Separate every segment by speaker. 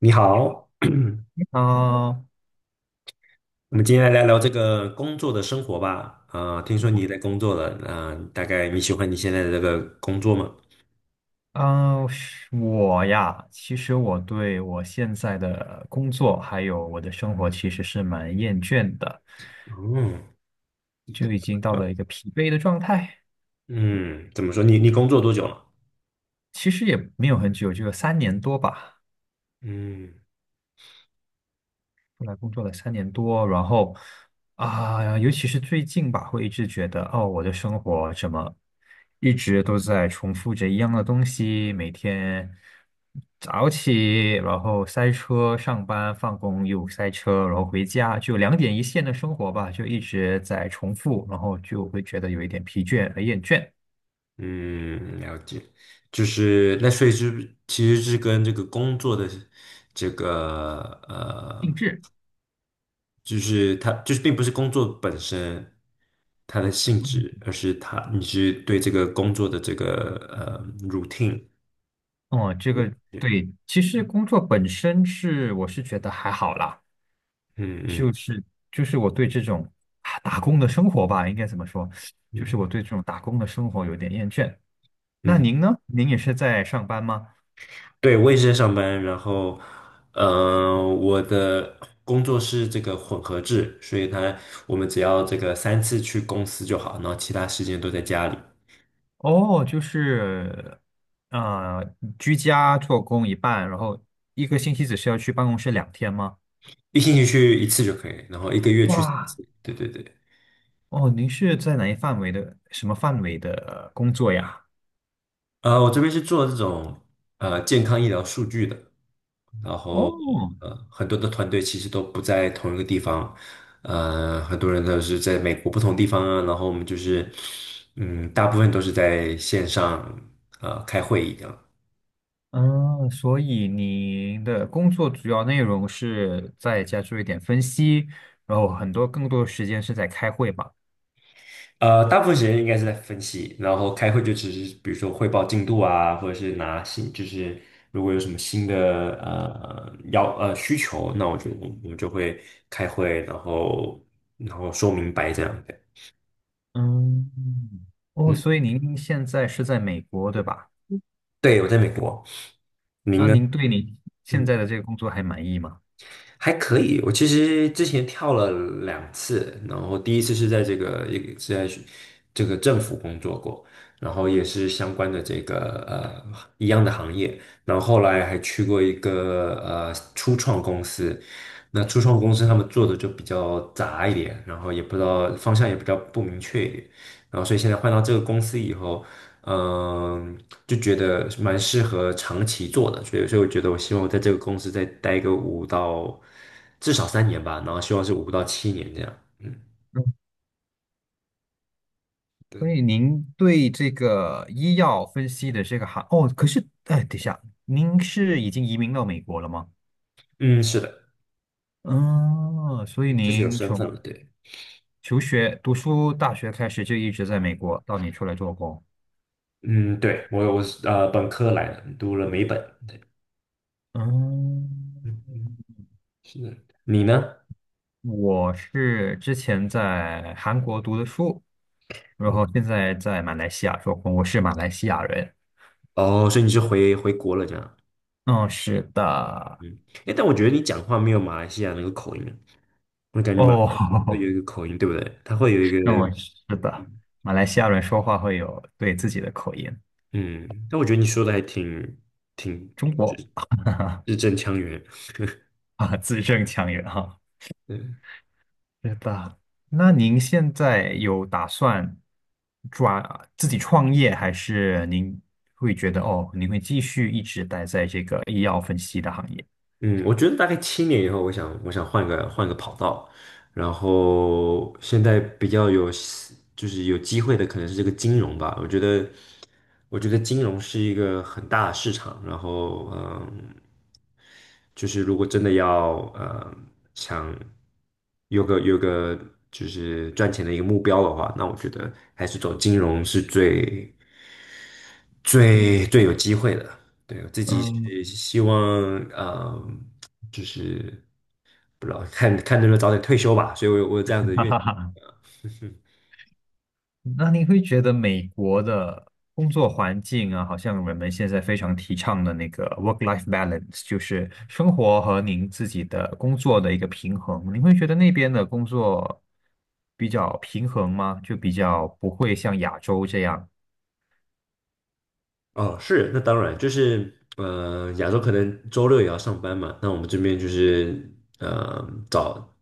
Speaker 1: 你好，我
Speaker 2: 嗯
Speaker 1: 们今天来聊聊这个工作的生活吧。听说你也在工作了，大概你喜欢你现在的这个工作吗？
Speaker 2: 嗯，是我呀，其实我对我现在的工作还有我的生活其实是蛮厌倦的，
Speaker 1: 嗯，
Speaker 2: 就已经到
Speaker 1: 呃
Speaker 2: 了一个疲惫的状态。
Speaker 1: 嗯，怎么说？你工作多久了？
Speaker 2: 其实也没有很久，就有三年多吧。
Speaker 1: 嗯
Speaker 2: 出来工作了三年多，然后啊，尤其是最近吧，会一直觉得哦，我的生活怎么一直都在重复着一样的东西，每天早起，然后塞车上班，放工又塞车，然后回家，就两点一线的生活吧，就一直在重复，然后就会觉得有一点疲倦和厌倦。
Speaker 1: 嗯，了解。就是那所以是其实是跟这个工作的这个呃，
Speaker 2: 定制。
Speaker 1: 就是它就是并不是工作本身它的性质，而是它你是对这个工作的这个routine。
Speaker 2: 哦，这个对，其实工作本身是我是觉得还好啦，
Speaker 1: 嗯嗯
Speaker 2: 就是就是我对这种啊打工的生活吧，应该怎么说？就是我
Speaker 1: 嗯
Speaker 2: 对这种打工的生活有点厌倦。那
Speaker 1: 嗯，
Speaker 2: 您呢？您也是在上班吗？
Speaker 1: 对，我也是在上班，然后，我的工作是这个混合制，所以它我们只要这个三次去公司就好，然后其他时间都在家里，
Speaker 2: 哦，就是呃，居家做工一半，然后一个星期只需要去办公室2天吗？
Speaker 1: 一星期去一次就可以，然后一个月去三
Speaker 2: 哇，
Speaker 1: 次。对对对，
Speaker 2: 哦，您是在哪一范围的，什么范围的工作呀？
Speaker 1: 我这边是做这种健康医疗数据的，然后
Speaker 2: 哦，
Speaker 1: 很多的团队其实都不在同一个地方，很多人都是在美国不同地方啊，然后我们就是，嗯，大部分都是在线上开会议样，
Speaker 2: 嗯，所以你的工作主要内容是在家做一点分析，然后很多更多的时间是在开会吧？
Speaker 1: 大部分时间应该是在分析，然后开会就只是比如说汇报进度啊，或者是拿新，就是如果有什么新的要需求，那我们就会开会，然后说明白这样的，
Speaker 2: 嗯，哦，
Speaker 1: 嗯，
Speaker 2: 所以您现在是在美国，对吧？
Speaker 1: 对，我在美国，您
Speaker 2: 那
Speaker 1: 呢？
Speaker 2: 您对你现
Speaker 1: 嗯。
Speaker 2: 在的这个工作还满意吗？
Speaker 1: 还可以，我其实之前跳了2次，然后第一次是在这个一个是在学这个政府工作过，然后也是相关的这个一样的行业，然后后来还去过一个初创公司，那初创公司他们做的就比较杂一点，然后也不知道方向也比较不明确一点，然后所以现在换到这个公司以后。嗯，就觉得蛮适合长期做的，所以我觉得我希望我在这个公司再待个5到至少3年吧，然后希望是5到7年这样。嗯
Speaker 2: 嗯，所
Speaker 1: 对，
Speaker 2: 以您对这个医药分析的这个行，哦，可是，哎，等一下，您是已经移民到美国了吗？
Speaker 1: 嗯，是的，
Speaker 2: 嗯，所以
Speaker 1: 就是有
Speaker 2: 您
Speaker 1: 身份
Speaker 2: 从
Speaker 1: 了，对，
Speaker 2: 求学、读书、大学开始就一直在美国，到你出来做工。
Speaker 1: 嗯，对，我是本科来的，读了美本，对，
Speaker 2: 嗯，
Speaker 1: 嗯嗯，是的，你呢？
Speaker 2: 我是之前在韩国读的书，然
Speaker 1: 嗯
Speaker 2: 后现在在马来西亚做工，我是马来西亚人。
Speaker 1: 哦，所以你是回国了这样，
Speaker 2: 嗯，是的。
Speaker 1: 嗯，哎，但我觉得你讲话没有马来西亚那个口音，我感觉马来
Speaker 2: 哦，
Speaker 1: 西亚会有一个口音，对不对？它会有一个。
Speaker 2: 那我是的，马来西亚人说话会有对自己的口音，
Speaker 1: 嗯，但我觉得你说的还挺
Speaker 2: 中
Speaker 1: 就
Speaker 2: 国
Speaker 1: 是字正腔圆。
Speaker 2: 啊，字正腔圆哈。
Speaker 1: 嗯。
Speaker 2: 是的，那您现在有打算抓自己创业，还是您会觉得哦，您会继续一直待在这个医药分析的行业？
Speaker 1: 嗯，我觉得大概七年以后，我想换个跑道，然后现在比较有就是有机会的可能是这个金融吧。我觉得金融是一个很大的市场，然后嗯，就是如果真的要想有个就是赚钱的一个目标的话，那我觉得还是走金融是
Speaker 2: 对。
Speaker 1: 最有机会的。对，我自己是
Speaker 2: 嗯。
Speaker 1: 希望，嗯，就是不知道看看能不能早点退休吧，所以我有这样的
Speaker 2: 哈
Speaker 1: 愿
Speaker 2: 哈
Speaker 1: 景。
Speaker 2: 哈，那你会觉得美国的工作环境啊，好像人们现在非常提倡的那个 work-life balance，就是生活和您自己的工作的一个平衡。你会觉得那边的工作比较平衡吗？就比较不会像亚洲这样。
Speaker 1: 哦，是，那当然，就是亚洲可能周六也要上班嘛，那我们这边就是呃早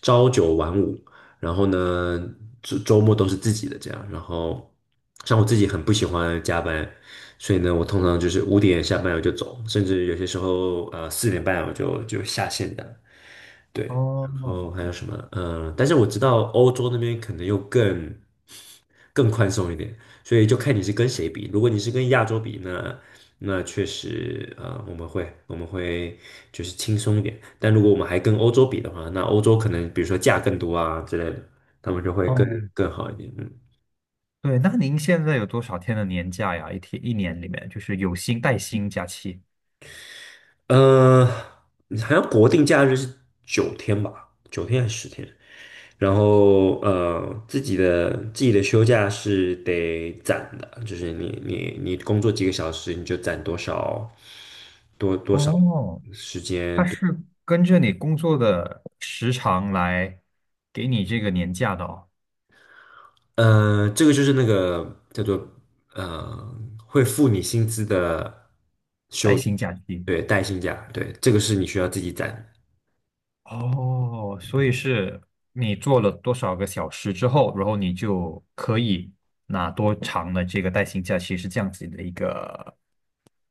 Speaker 1: 朝九晚五，然后呢周末都是自己的这样，然后像我自己很不喜欢加班，所以呢，我通常就是5点下班我就走，甚至有些时候4点半我就下线的。对，然
Speaker 2: 哦
Speaker 1: 后还有什么？嗯、但是我知道欧洲那边可能又更宽松一点，所以就看你是跟谁比。如果你是跟亚洲比那确实，我们会就是轻松一点。但如果我们还跟欧洲比的话，那欧洲可能比如说价更多啊之类的，他们就会
Speaker 2: 哦，
Speaker 1: 更好一点。嗯。
Speaker 2: 对，那您现在有多少天的年假呀？一天一年里面，就是有薪带薪假期。
Speaker 1: 好像国定假日是九天吧，九天还是10天？然后自己的休假是得攒的，就是你工作几个小时，你就攒多少
Speaker 2: 哦，
Speaker 1: 时
Speaker 2: 它
Speaker 1: 间。对，
Speaker 2: 是跟着你工作的时长来给你这个年假的哦，
Speaker 1: 这个就是那个叫做呃，会付你薪资的，
Speaker 2: 带薪假期。
Speaker 1: 对，带薪假，对，这个是你需要自己攒的。
Speaker 2: 哦，
Speaker 1: 嗯
Speaker 2: 所以
Speaker 1: 哼。
Speaker 2: 是你做了多少个小时之后，然后你就可以拿多长的这个带薪假期，是这样子的一个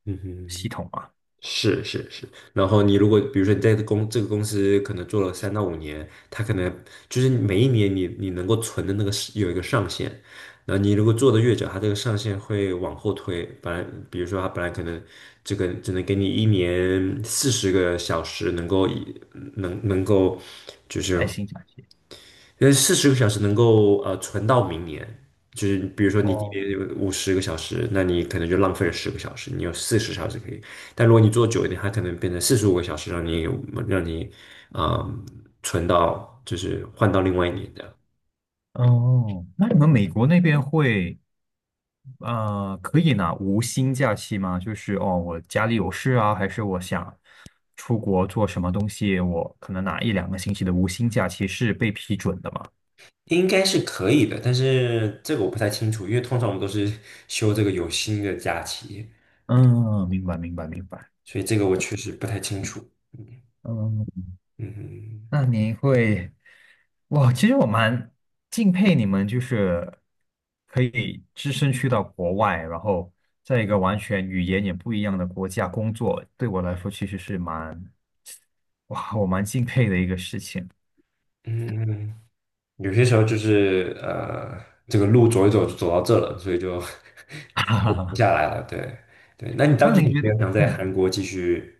Speaker 1: 嗯嗯
Speaker 2: 系统啊，
Speaker 1: 是是是，然后你如果比如说你在这个公司可能做了3到5年，他可能就是每一年你能够存的那个是有一个上限，那你如果做的越久，它这个上限会往后推。本来比如说它本来可能这个只能给你一年四十个小时能够能够就是。
Speaker 2: 带薪假期。
Speaker 1: 四十个小时能够存到明年，就是比如说你今
Speaker 2: 哦，
Speaker 1: 天有50个小时，那你可能就浪费了十个小时，你有40小时可以。但如果你做久一点，它可能变成45个小时，让你嗯存到就是换到另外一年的，
Speaker 2: 哦，那你们美国那边可以拿无薪假期吗？就是哦，我家里有事啊，还是我想。出国做什么东西，我可能拿一两个星期的无薪假期是被批准的嘛。
Speaker 1: 应该是可以的。但是这个我不太清楚，因为通常我们都是休这个有薪的假期，
Speaker 2: 嗯，明白，明白，明白。
Speaker 1: 所以这个我确实不太清楚。
Speaker 2: 嗯，
Speaker 1: 嗯
Speaker 2: 那您会，哇，其实我蛮敬佩你们，就是可以只身去到国外，然后在一个完全语言也不一样的国家工作，对我来说其实是蛮，哇，我蛮敬佩的一个事情。
Speaker 1: 嗯嗯。嗯嗯有些时候就是这个路走一走就走到这了，所以就
Speaker 2: 哈 哈
Speaker 1: 就停
Speaker 2: 哈。
Speaker 1: 下来了。对对，那你
Speaker 2: 那
Speaker 1: 当时
Speaker 2: 你
Speaker 1: 有
Speaker 2: 觉得，
Speaker 1: 没有想在
Speaker 2: 嗯，
Speaker 1: 韩国继续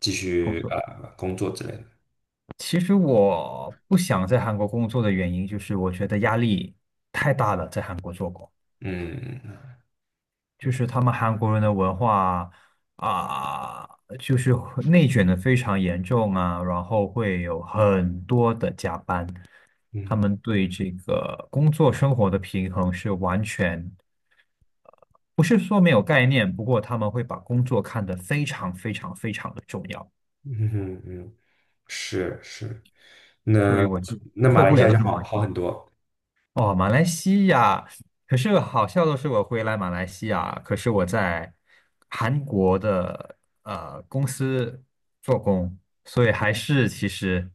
Speaker 2: 工作？
Speaker 1: 工作之类的？
Speaker 2: 其实我不想在韩国工作的原因，就是我觉得压力太大了，在韩国做工，
Speaker 1: 嗯
Speaker 2: 就是他们韩国人的文化啊，就是内卷的非常严重啊，然后会有很多的加班，他
Speaker 1: 嗯
Speaker 2: 们对这个工作生活的平衡是完全不是说没有概念，不过他们会把工作看得非常非常非常的重要，
Speaker 1: 嗯嗯嗯，是是，
Speaker 2: 所
Speaker 1: 那
Speaker 2: 以我就
Speaker 1: 马
Speaker 2: 受
Speaker 1: 来
Speaker 2: 不
Speaker 1: 西
Speaker 2: 了
Speaker 1: 亚
Speaker 2: 那
Speaker 1: 就
Speaker 2: 种环
Speaker 1: 好
Speaker 2: 境。
Speaker 1: 很多
Speaker 2: 哦，马来西亚，可是好笑的是，我回来马来西亚，可是我在韩国的公司做工，所以还是其实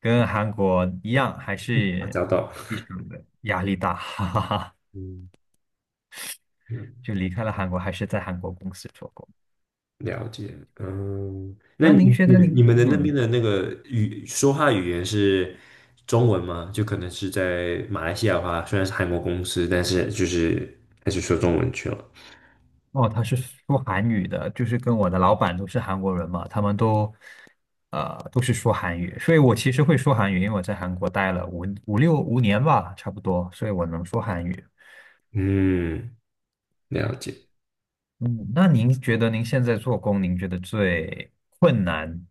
Speaker 2: 跟韩国一样，还
Speaker 1: 啊，
Speaker 2: 是
Speaker 1: 找到
Speaker 2: 非常的压力大，哈哈哈。
Speaker 1: 嗯。嗯
Speaker 2: 就离开了韩国，还是在韩国公司做工。
Speaker 1: 了解，嗯，那
Speaker 2: 那您
Speaker 1: 你
Speaker 2: 觉
Speaker 1: 你
Speaker 2: 得您，
Speaker 1: 你们的那边
Speaker 2: 嗯，
Speaker 1: 的那个说话语言是中文吗？就可能是在马来西亚的话，虽然是韩国公司，但是就是还是说中文去了。
Speaker 2: 哦，他是说韩语的，就是跟我的老板都是韩国人嘛，他们都是说韩语，所以我其实会说韩语，因为我在韩国待了五年吧，差不多，所以我能说韩语。
Speaker 1: 嗯，了解。
Speaker 2: 嗯，那您觉得您现在做工，您觉得最困难，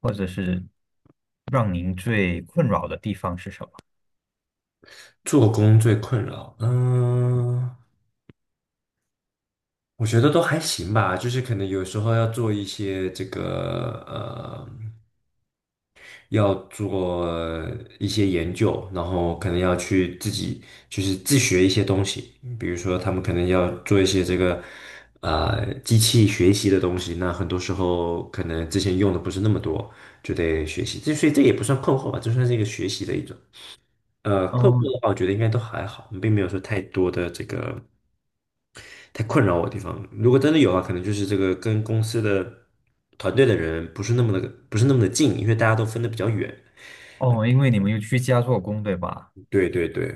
Speaker 2: 或者是让您最困扰的地方是什么？
Speaker 1: 做工最困扰，嗯，我觉得都还行吧，就是可能有时候要做一些这个要做一些研究，然后可能要去自己就是自学一些东西，比如说他们可能要做一些这个机器学习的东西，那很多时候可能之前用的不是那么多，就得学习，这所以这也不算困惑吧，就算是一个学习的一种。困惑
Speaker 2: 嗯，
Speaker 1: 的话，我觉得应该都还好，并没有说太多的这个太困扰我的地方。如果真的有啊，可能就是这个跟公司的团队的人不是那么的近，因为大家都分的比较远。
Speaker 2: 哦，因为你们又居家做工，对吧？
Speaker 1: 对对对，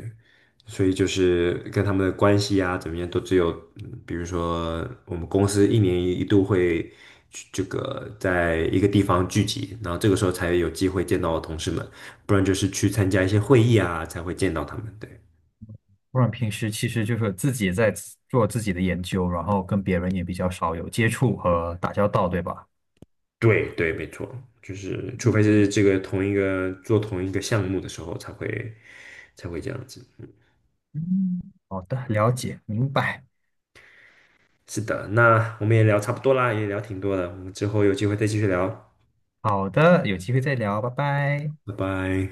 Speaker 1: 所以就是跟他们的关系啊，怎么样，都只有，比如说我们公司一年一度会去这个在一个地方聚集，然后这个时候才有机会见到同事们，不然就是去参加一些会议啊，才会见到他们。对
Speaker 2: 不然平时其实就是自己在自做自己的研究，然后跟别人也比较少有接触和打交道，对吧？
Speaker 1: 对对，没错，就是除非
Speaker 2: 嗯
Speaker 1: 是这个同一个做同一个项目的时候才会这样子。嗯，
Speaker 2: 嗯，好的，了解，明白。
Speaker 1: 是的，那我们也聊差不多啦，也聊挺多了，我们之后有机会再继续聊，
Speaker 2: 好的，有机会再聊，拜拜。
Speaker 1: 拜拜。